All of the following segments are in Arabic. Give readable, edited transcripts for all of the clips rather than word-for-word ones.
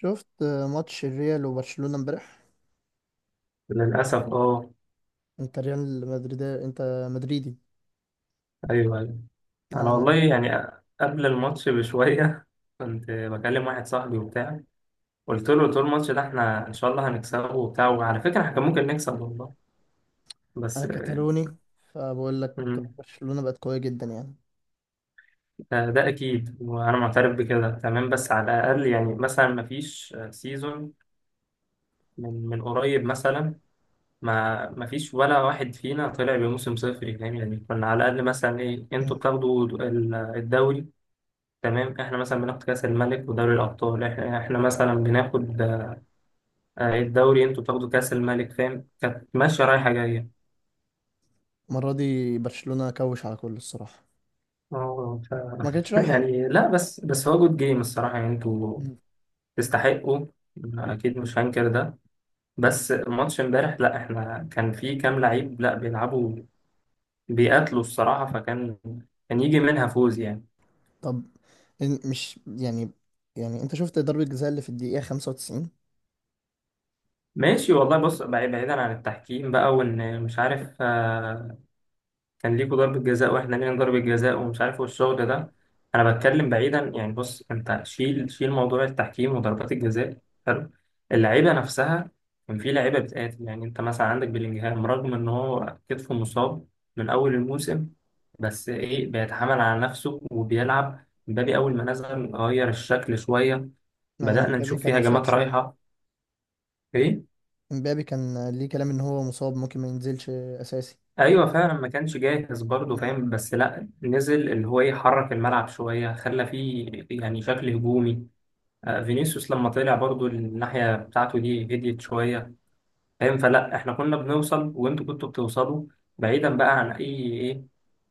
شفت ماتش الريال وبرشلونة امبارح؟ للأسف اه. انت ريال مدريد، انت مدريدي. أيوه أيوه. أنا والله انا يعني قبل الماتش بشوية كنت بكلم واحد صاحبي وبتاع. قلت له طول الماتش ده احنا إن شاء الله هنكسبه وبتاع، وعلى فكرة احنا كان ممكن نكسب والله. بس انا كتالوني، فبقول لك مم، برشلونة بقت قوية جدا يعني. ده أكيد وأنا معترف بكده تمام. بس على الأقل يعني مثلا مفيش سيزون من قريب مثلا، ما مفيش ولا واحد فينا طلع بموسم صفري، فاهم؟ يعني كنا على الأقل مثلا إيه، أنتوا مم. بتاخدوا الدوري، تمام، احنا مثلا بناخد كاس الملك ودوري الابطال، احنا مثلا بناخد الدوري، انتوا بتاخدوا كاس الملك، فاهم؟ كانت ماشيه رايحه جايه. المرة دي برشلونة كوش على كل الصراحة، اه ف... ما كانتش رايحة. يعني لا، بس هو جود جيم الصراحه، يعني انتوا مم. تستحقوا، اكيد مش هنكر ده. بس ماتش امبارح لا، احنا كان في كام لعيب لا بيلعبوا، بيقاتلوا الصراحه، فكان كان يجي منها فوز يعني. طب، مش يعني، يعني انت شفت ضربة الجزاء اللي في الدقيقة 95؟ ماشي والله، بص، بعيدا عن التحكيم بقى، وان مش عارف كان ليكوا ضربة جزاء واحنا لينا ضربة جزاء ومش عارف إيه والشغل ده. انا بتكلم بعيدا يعني، بص، انت شيل موضوع التحكيم وضربات الجزاء، حلو؟ اللعيبة نفسها كان في لعيبة بتقاتل. يعني انت مثلا عندك بلينجهام، رغم ان هو كتفه مصاب من اول الموسم، بس ايه، بيتحمل على نفسه وبيلعب. مبابي اول ما نزل غير الشكل شوية، يعني بدأنا مبابي نشوف كان فيه مصاب هجمات شوية. رايحة. ايه، مبابي كان ليه كلام ان هو مصاب، ممكن ما ينزلش اساسي. ايوه فعلا ما كانش جاهز برضه مم. فاهم، بس لا نزل، اللي هو يحرك الملعب شويه، خلى فيه يعني شكل هجومي. فينيسيوس لما طلع برضه، الناحيه بتاعته دي هديت شويه، فاهم؟ فلا، احنا كنا بنوصل وانتوا كنتوا بتوصلوا. بعيدا بقى عن اي ايه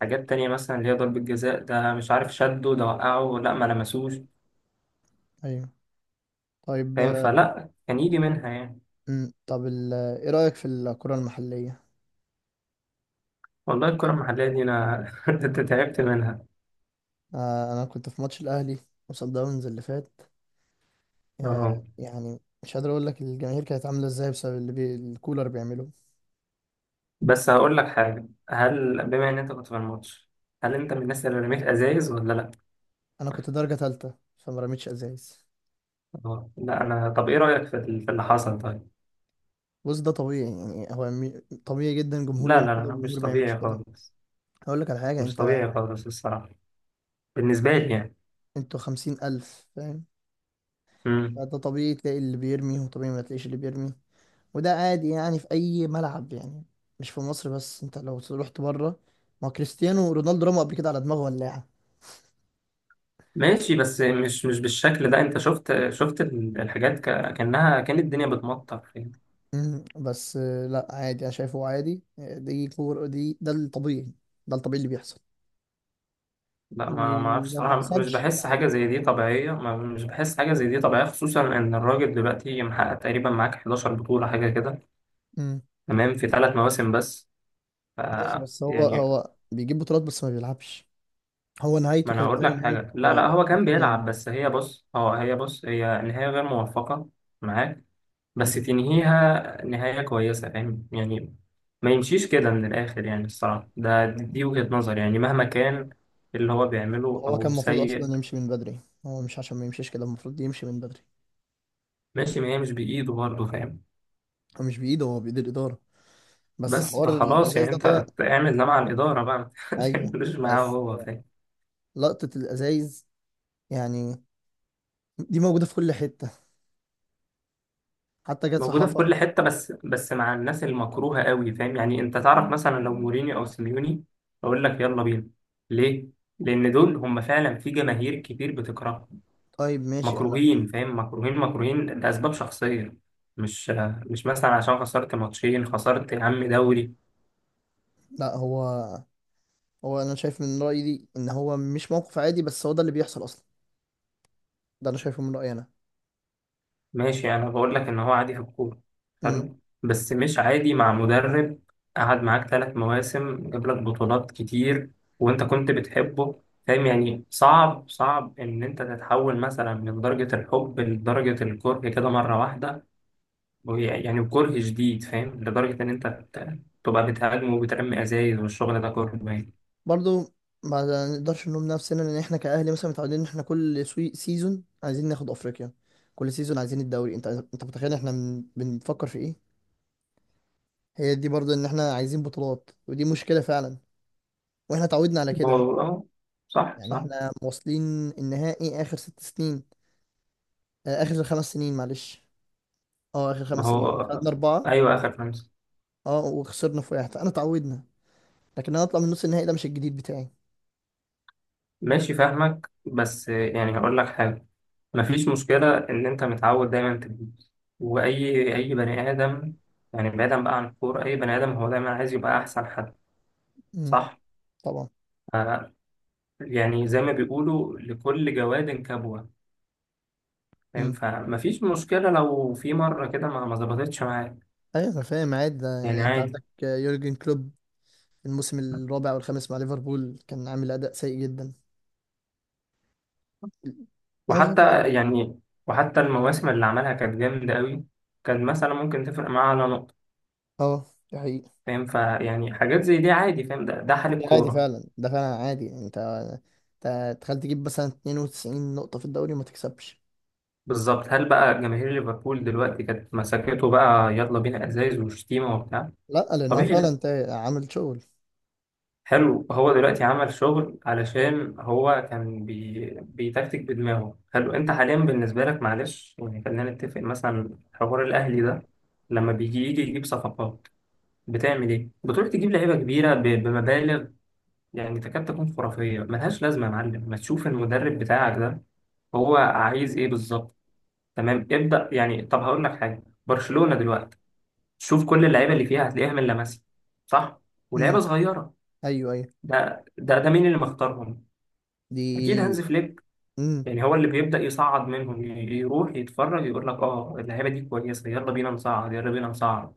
حاجات تانية، مثلا اللي هي ضربة جزاء ده مش عارف شده ده وقعه لا ما لمسوش، ايوه. طيب. فاهم؟ فلا كان يجي منها يعني. مم. طب، ايه رأيك في الكرة المحلية؟ والله الكرة المحلية دي انا تعبت منها. انا كنت في ماتش الاهلي وصن داونز اللي فات. اه، يعني مش قادر اقول لك الجماهير كانت عامله ازاي بسبب اللي الكولر بيعمله. بس هقول لك حاجة: هل بما إن أنت كنت في الماتش، هل أنت من الناس اللي رميت أزايز ولا لأ؟ انا كنت درجه ثالثه فما رميتش ازايز. لا، أنا طب إيه رأيك في في اللي حصل طيب؟ بص، ده طبيعي يعني. طبيعي جدا، جمهور لا يعمل لا كده لا، مش وجمهور ما يعملش طبيعي كده. خالص، هقول لك على حاجه مش انت. طبيعي خالص الصراحة، بالنسبة لي يعني. انتوا 50,000 فاهم؟ مم. فده طبيعي تلاقي اللي بيرمي وطبيعي ما تلاقيش اللي بيرمي. وده عادي يعني، في اي ملعب يعني، مش في مصر بس. انت لو رحت بره، ما هو كريستيانو رونالدو رمى قبل كده على دماغه ولاعه. ماشي بس مش بالشكل ده. أنت شفت الحاجات كأنها كان الدنيا بتمطر يعني. مم. بس لا عادي، انا شايفه عادي. دي ده الطبيعي. ده الطبيعي اللي بيحصل. لا، ما أعرفش ولو ما صراحة، مش حصلش، بحس حاجة عادي. زي دي طبيعية، ما مش بحس حاجة زي دي طبيعية، خصوصا إن الراجل دلوقتي محقق تقريبا معاك 11 بطولة حاجة كده. مم. تمام في 3 مواسم بس، ف ماشي، بس هو يعني. هو بيجيب بطولات بس ما بيلعبش. هو ما نهايته انا كانت هقول زي لك نهاية حاجه، لا هو كان عثماني. بيلعب، بس هي بص اه هي بص، هي نهايه غير موفقه معاك، بس مم. تنهيها نهايه كويسه، فاهم يعني؟ ما يمشيش كده من الاخر يعني الصراحه، ده دي وجهه نظري يعني مهما كان اللي هو بيعمله هو كان او المفروض سيء. اصلا يمشي من بدري. هو مش عشان ما يمشيش كده المفروض يمشي من بدري. ماشي، ما هي مش بايده برضه فاهم. هو مش بايده، هو بايد الاداره. بس بس حوار فخلاص الازايز يعني، ده انت طلع. اعمل ده مع الاداره بقى ما ايوه، تعملوش معاه بس هو، فاهم؟ لقطه الازايز يعني دي موجوده في كل حته، حتى جت في موجودة في حفا. كل حتة، بس مع الناس المكروهة قوي فاهم يعني. انت تعرف مثلا لو مورينيو او سيميوني اقول لك يلا بينا، ليه؟ لان دول هم فعلا في جماهير كتير بتكرههم، طيب، ماشي، انا... مكروهين فاهم، مكروهين مكروهين لاسباب شخصية، مش مش مثلا عشان خسرت ماتشين، خسرت يا عم دوري. لا، هو انا شايف من رايي دي، ان هو مش موقف عادي، بس هو ده اللي بيحصل اصلا. ده انا شايفه من رايي انا. ماشي، يعني انا بقول لك ان هو عادي في الكوره، امم حلو، بس مش عادي مع مدرب قعد معاك 3 مواسم، جاب لك بطولات كتير، وانت كنت بتحبه فاهم يعني. صعب ان انت تتحول مثلا من درجة الحب لدرجة الكره كده مرة واحدة، يعني كره شديد فاهم، لدرجة ان انت تبقى بتهاجم وبترمي ازايز والشغل ده كله باين. برضو ما نقدرش نلوم نفسنا، ان احنا كاهلي مثلا متعودين ان احنا كل سيزون عايزين ناخد افريقيا. كل سيزون عايزين الدوري. انت متخيل احنا بنفكر في ايه؟ هي دي برضو، ان احنا عايزين بطولات، ودي مشكله فعلا. واحنا اتعودنا على ما كده. هو صح يعني صح. احنا واصلين النهائي اخر 6 سنين، اخر 5 سنين معلش. اه اخر ما 5 سنين هو خدنا اربعه. ايوه اخر 5. اه وخسرنا في واحد. فانا اتعودنا، لكن انا اطلع من نص النهائي ده مش الجديد بتاعي. ماشي فاهمك، بس يعني هقول لك حاجة: مفيش مشكلة إن أنت متعود دايما تجيب، وأي بني آدم، يعني بعيدا بقى عن الكورة، أي بني آدم هو دايما عايز يبقى أحسن حد، امم. صح؟ طبعا. آه. يعني زي ما بيقولوا لكل جواد كبوة، فاهم؟ امم. فمفيش مشكلة لو في مرة كده ما ظبطتش معاك ايوه، انا فاهم عادي ده يعني، يعني. انت عادي. عندك يورجن كلوب، الموسم الرابع والخامس مع ليفربول كان عامل اداء سيء جدا. انا شايف وحتى عادي. يعني، وحتى المواسم اللي عملها كانت جامدة قوي، كان مثلا ممكن تفرق معاه على نقطة، اه، ده حقيقي. فاهم؟ فيعني حاجات زي دي عادي، فاهم، ده ده حال ده عادي الكورة. فعلا، ده فعلا عادي يعني. انت تخيل تجيب مثلا 92 نقطة في الدوري وما تكسبش. بالظبط، هل بقى جماهير ليفربول دلوقتي كانت مسكته بقى يلا بينا ازايز وشتيمه وبتاع؟ لا، لان هو طبيعي فعلا لا، انت عامل شغل. حلو. هو دلوقتي عمل شغل علشان هو كان بيتكتك بدماغه، حلو. انت حاليا بالنسبه لك معلش يعني، خلينا نتفق، مثلا حوار الاهلي ده لما بيجي يجي يجيب صفقات، بتعمل ايه؟ بتروح تجيب لعيبه كبيره بمبالغ يعني تكاد تكون خرافيه ملهاش لازمه. يا معلم، ما تشوف المدرب بتاعك ده هو عايز ايه بالظبط؟ تمام، ابدا يعني. طب هقول لك حاجه، برشلونه دلوقتي شوف كل اللعيبه اللي فيها هتلاقيها من لاماسيا، صح، ولعيبه امم. صغيره. ايوه. ايوه. ده مين اللي مختارهم؟ اكيد دي هانز فليك، امم. يعني هو اللي بيبدا يصعد منهم، يروح يتفرج يقول لك اه اللعيبه دي كويسه يلا بينا نصعد، يلا بينا نصعد،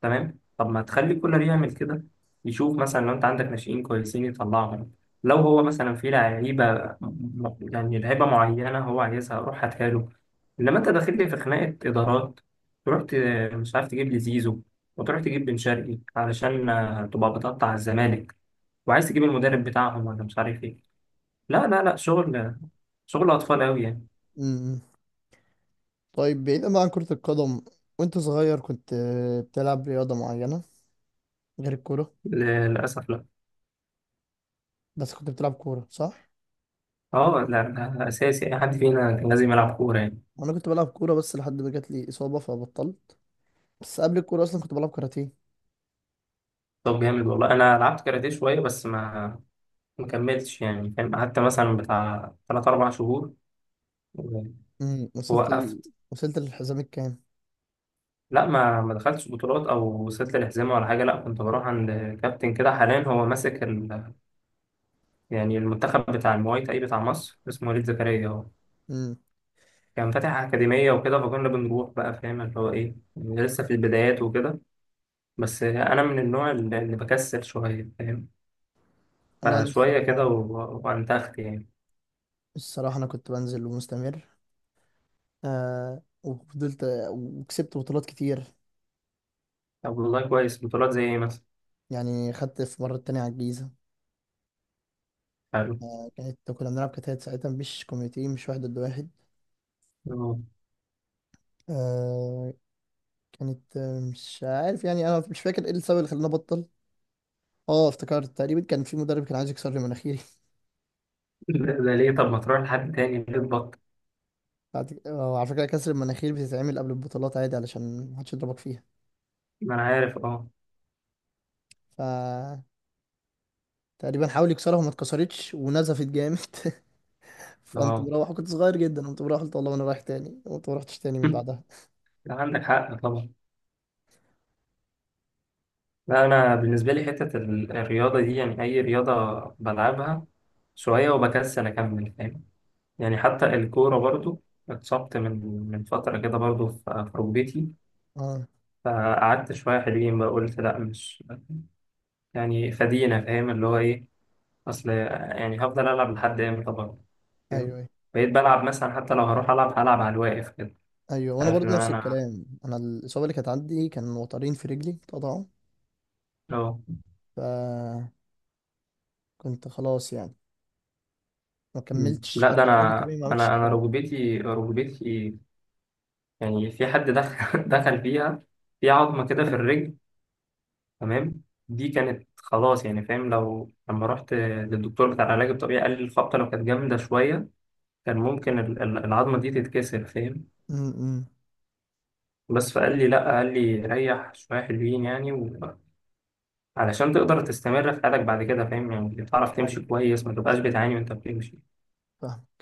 تمام. طب ما تخلي كولر يعمل كده، يشوف مثلا لو انت عندك ناشئين كويسين يطلعهم، لو هو مثلا في لعيبه، يعني لعيبه معينه هو عايزها، روح هاتها له. انما انت داخل لي في خناقه ادارات، تروح مش عارف تجيب لي زيزو، وتروح تجيب بن شرقي علشان تبقى بتقطع الزمالك، وعايز تجيب المدرب بتاعهم ولا مش عارف ايه. لا لا لا، شغل شغل اطفال قوي يعني. امم. طيب، بعيدا بقى عن كرة القدم، وانت صغير كنت بتلعب رياضة معينة غير الكورة؟ للاسف لا. بس كنت بتلعب كورة صح؟ اه لا، ده اساسي، اي حد فينا كان لازم يلعب كوره يعني. وأنا كنت بلعب كورة بس لحد ما جات لي إصابة فبطلت. بس قبل الكورة أصلا كنت بلعب كاراتيه. طب جامد والله، انا لعبت كاراتيه شويه بس ما كملتش يعني فاهم، قعدت مثلا بتاع 3 4 شهور امم وصلت ال... ووقفت. وصلت للحزام الكام؟ لا، ما دخلتش بطولات او وصلت للحزمه ولا حاجه. لا كنت بروح عند كابتن كده، حاليا هو ماسك يعني المنتخب بتاع المواي تاي بتاع مصر، اسمه وليد زكريا. هو امم كان فاتح اكاديميه وكده، فكنا بنروح بقى، فاهم؟ اللي هو ايه يعني لسه في البدايات وكده. بس انا من النوع اللي بكسل شويه فاهم، لا، أنا فشويه كده الصراحة وانتخت يعني. الصراحة أنا كنت بنزل ومستمر، وفضلت وكسبت بطولات كتير. طب والله كويس، بطولات زي ايه مثلا؟ يعني خدت في مرة تانية على الجيزة. كنا بنلعب كتات ساعتها، مش كوميتي، مش واحد ضد واحد. اه. آه. كانت آه، مش عارف يعني، أنا مش فاكر إيه السبب اللي خلاني أبطل. اه افتكرت تقريبا كان في مدرب كان عايز يكسر لي مناخيري. ده ليه؟ طب ما تروح لحد تاني، ليه تبطل؟ على فكرة، كسر المناخير بتتعمل قبل البطولات عادي علشان محدش يضربك فيها. ما انا عارف، اه ف تقريبا حاول يكسرها وما اتكسرتش ونزفت جامد. فقمت اه. مروح، كنت صغير جدا، قمت مروح قلت والله انا رايح تاني، قمت ما رحتش تاني من بعدها. لا عندك حق طبعا. لا انا بالنسبه لي حته الرياضه دي، يعني اي رياضه بلعبها شويه وبكسل اكمل، فاهم؟ يعني حتى الكوره برضو، اتصبت من فتره كده برضو في ركبتي، اه. فقعدت شويه حلوين بقى قلت لا مش يعني فدينا، فاهم؟ اللي هو ايه، اصل يعني هفضل العب لحد امتى برضه، ايوه. فاهم؟ ايوه. بقيت بلعب مثلا حتى لو هروح العب هلعب على الواقف كده. ايوه، وانا عارف ان برضو نفس انا الكلام. انا الاصابه اللي كانت عندي كان وترين في رجلي اتقطعوا. اه. فكنت خلاص يعني، ما مم. كملتش لا ده حتى العلاج انا، الطبيعي، ما عملتش انا حاجه. ركبتي يعني في حد دخل دخل فيها في عظمه كده في الرجل، تمام. دي كانت خلاص يعني فاهم. لو لما رحت للدكتور بتاع العلاج الطبيعي قال لي الخبطه لو كانت جامده شويه كان ممكن العظمه دي تتكسر فاهم. امم. بس فقال لي لا، قال لي ريح شويه حلوين يعني علشان تقدر تستمر في حياتك بعد كده، فاهم يعني تعرف تمشي ايوه. كويس، ما تبقاش بتعاني وانت بتمشي. فاهم.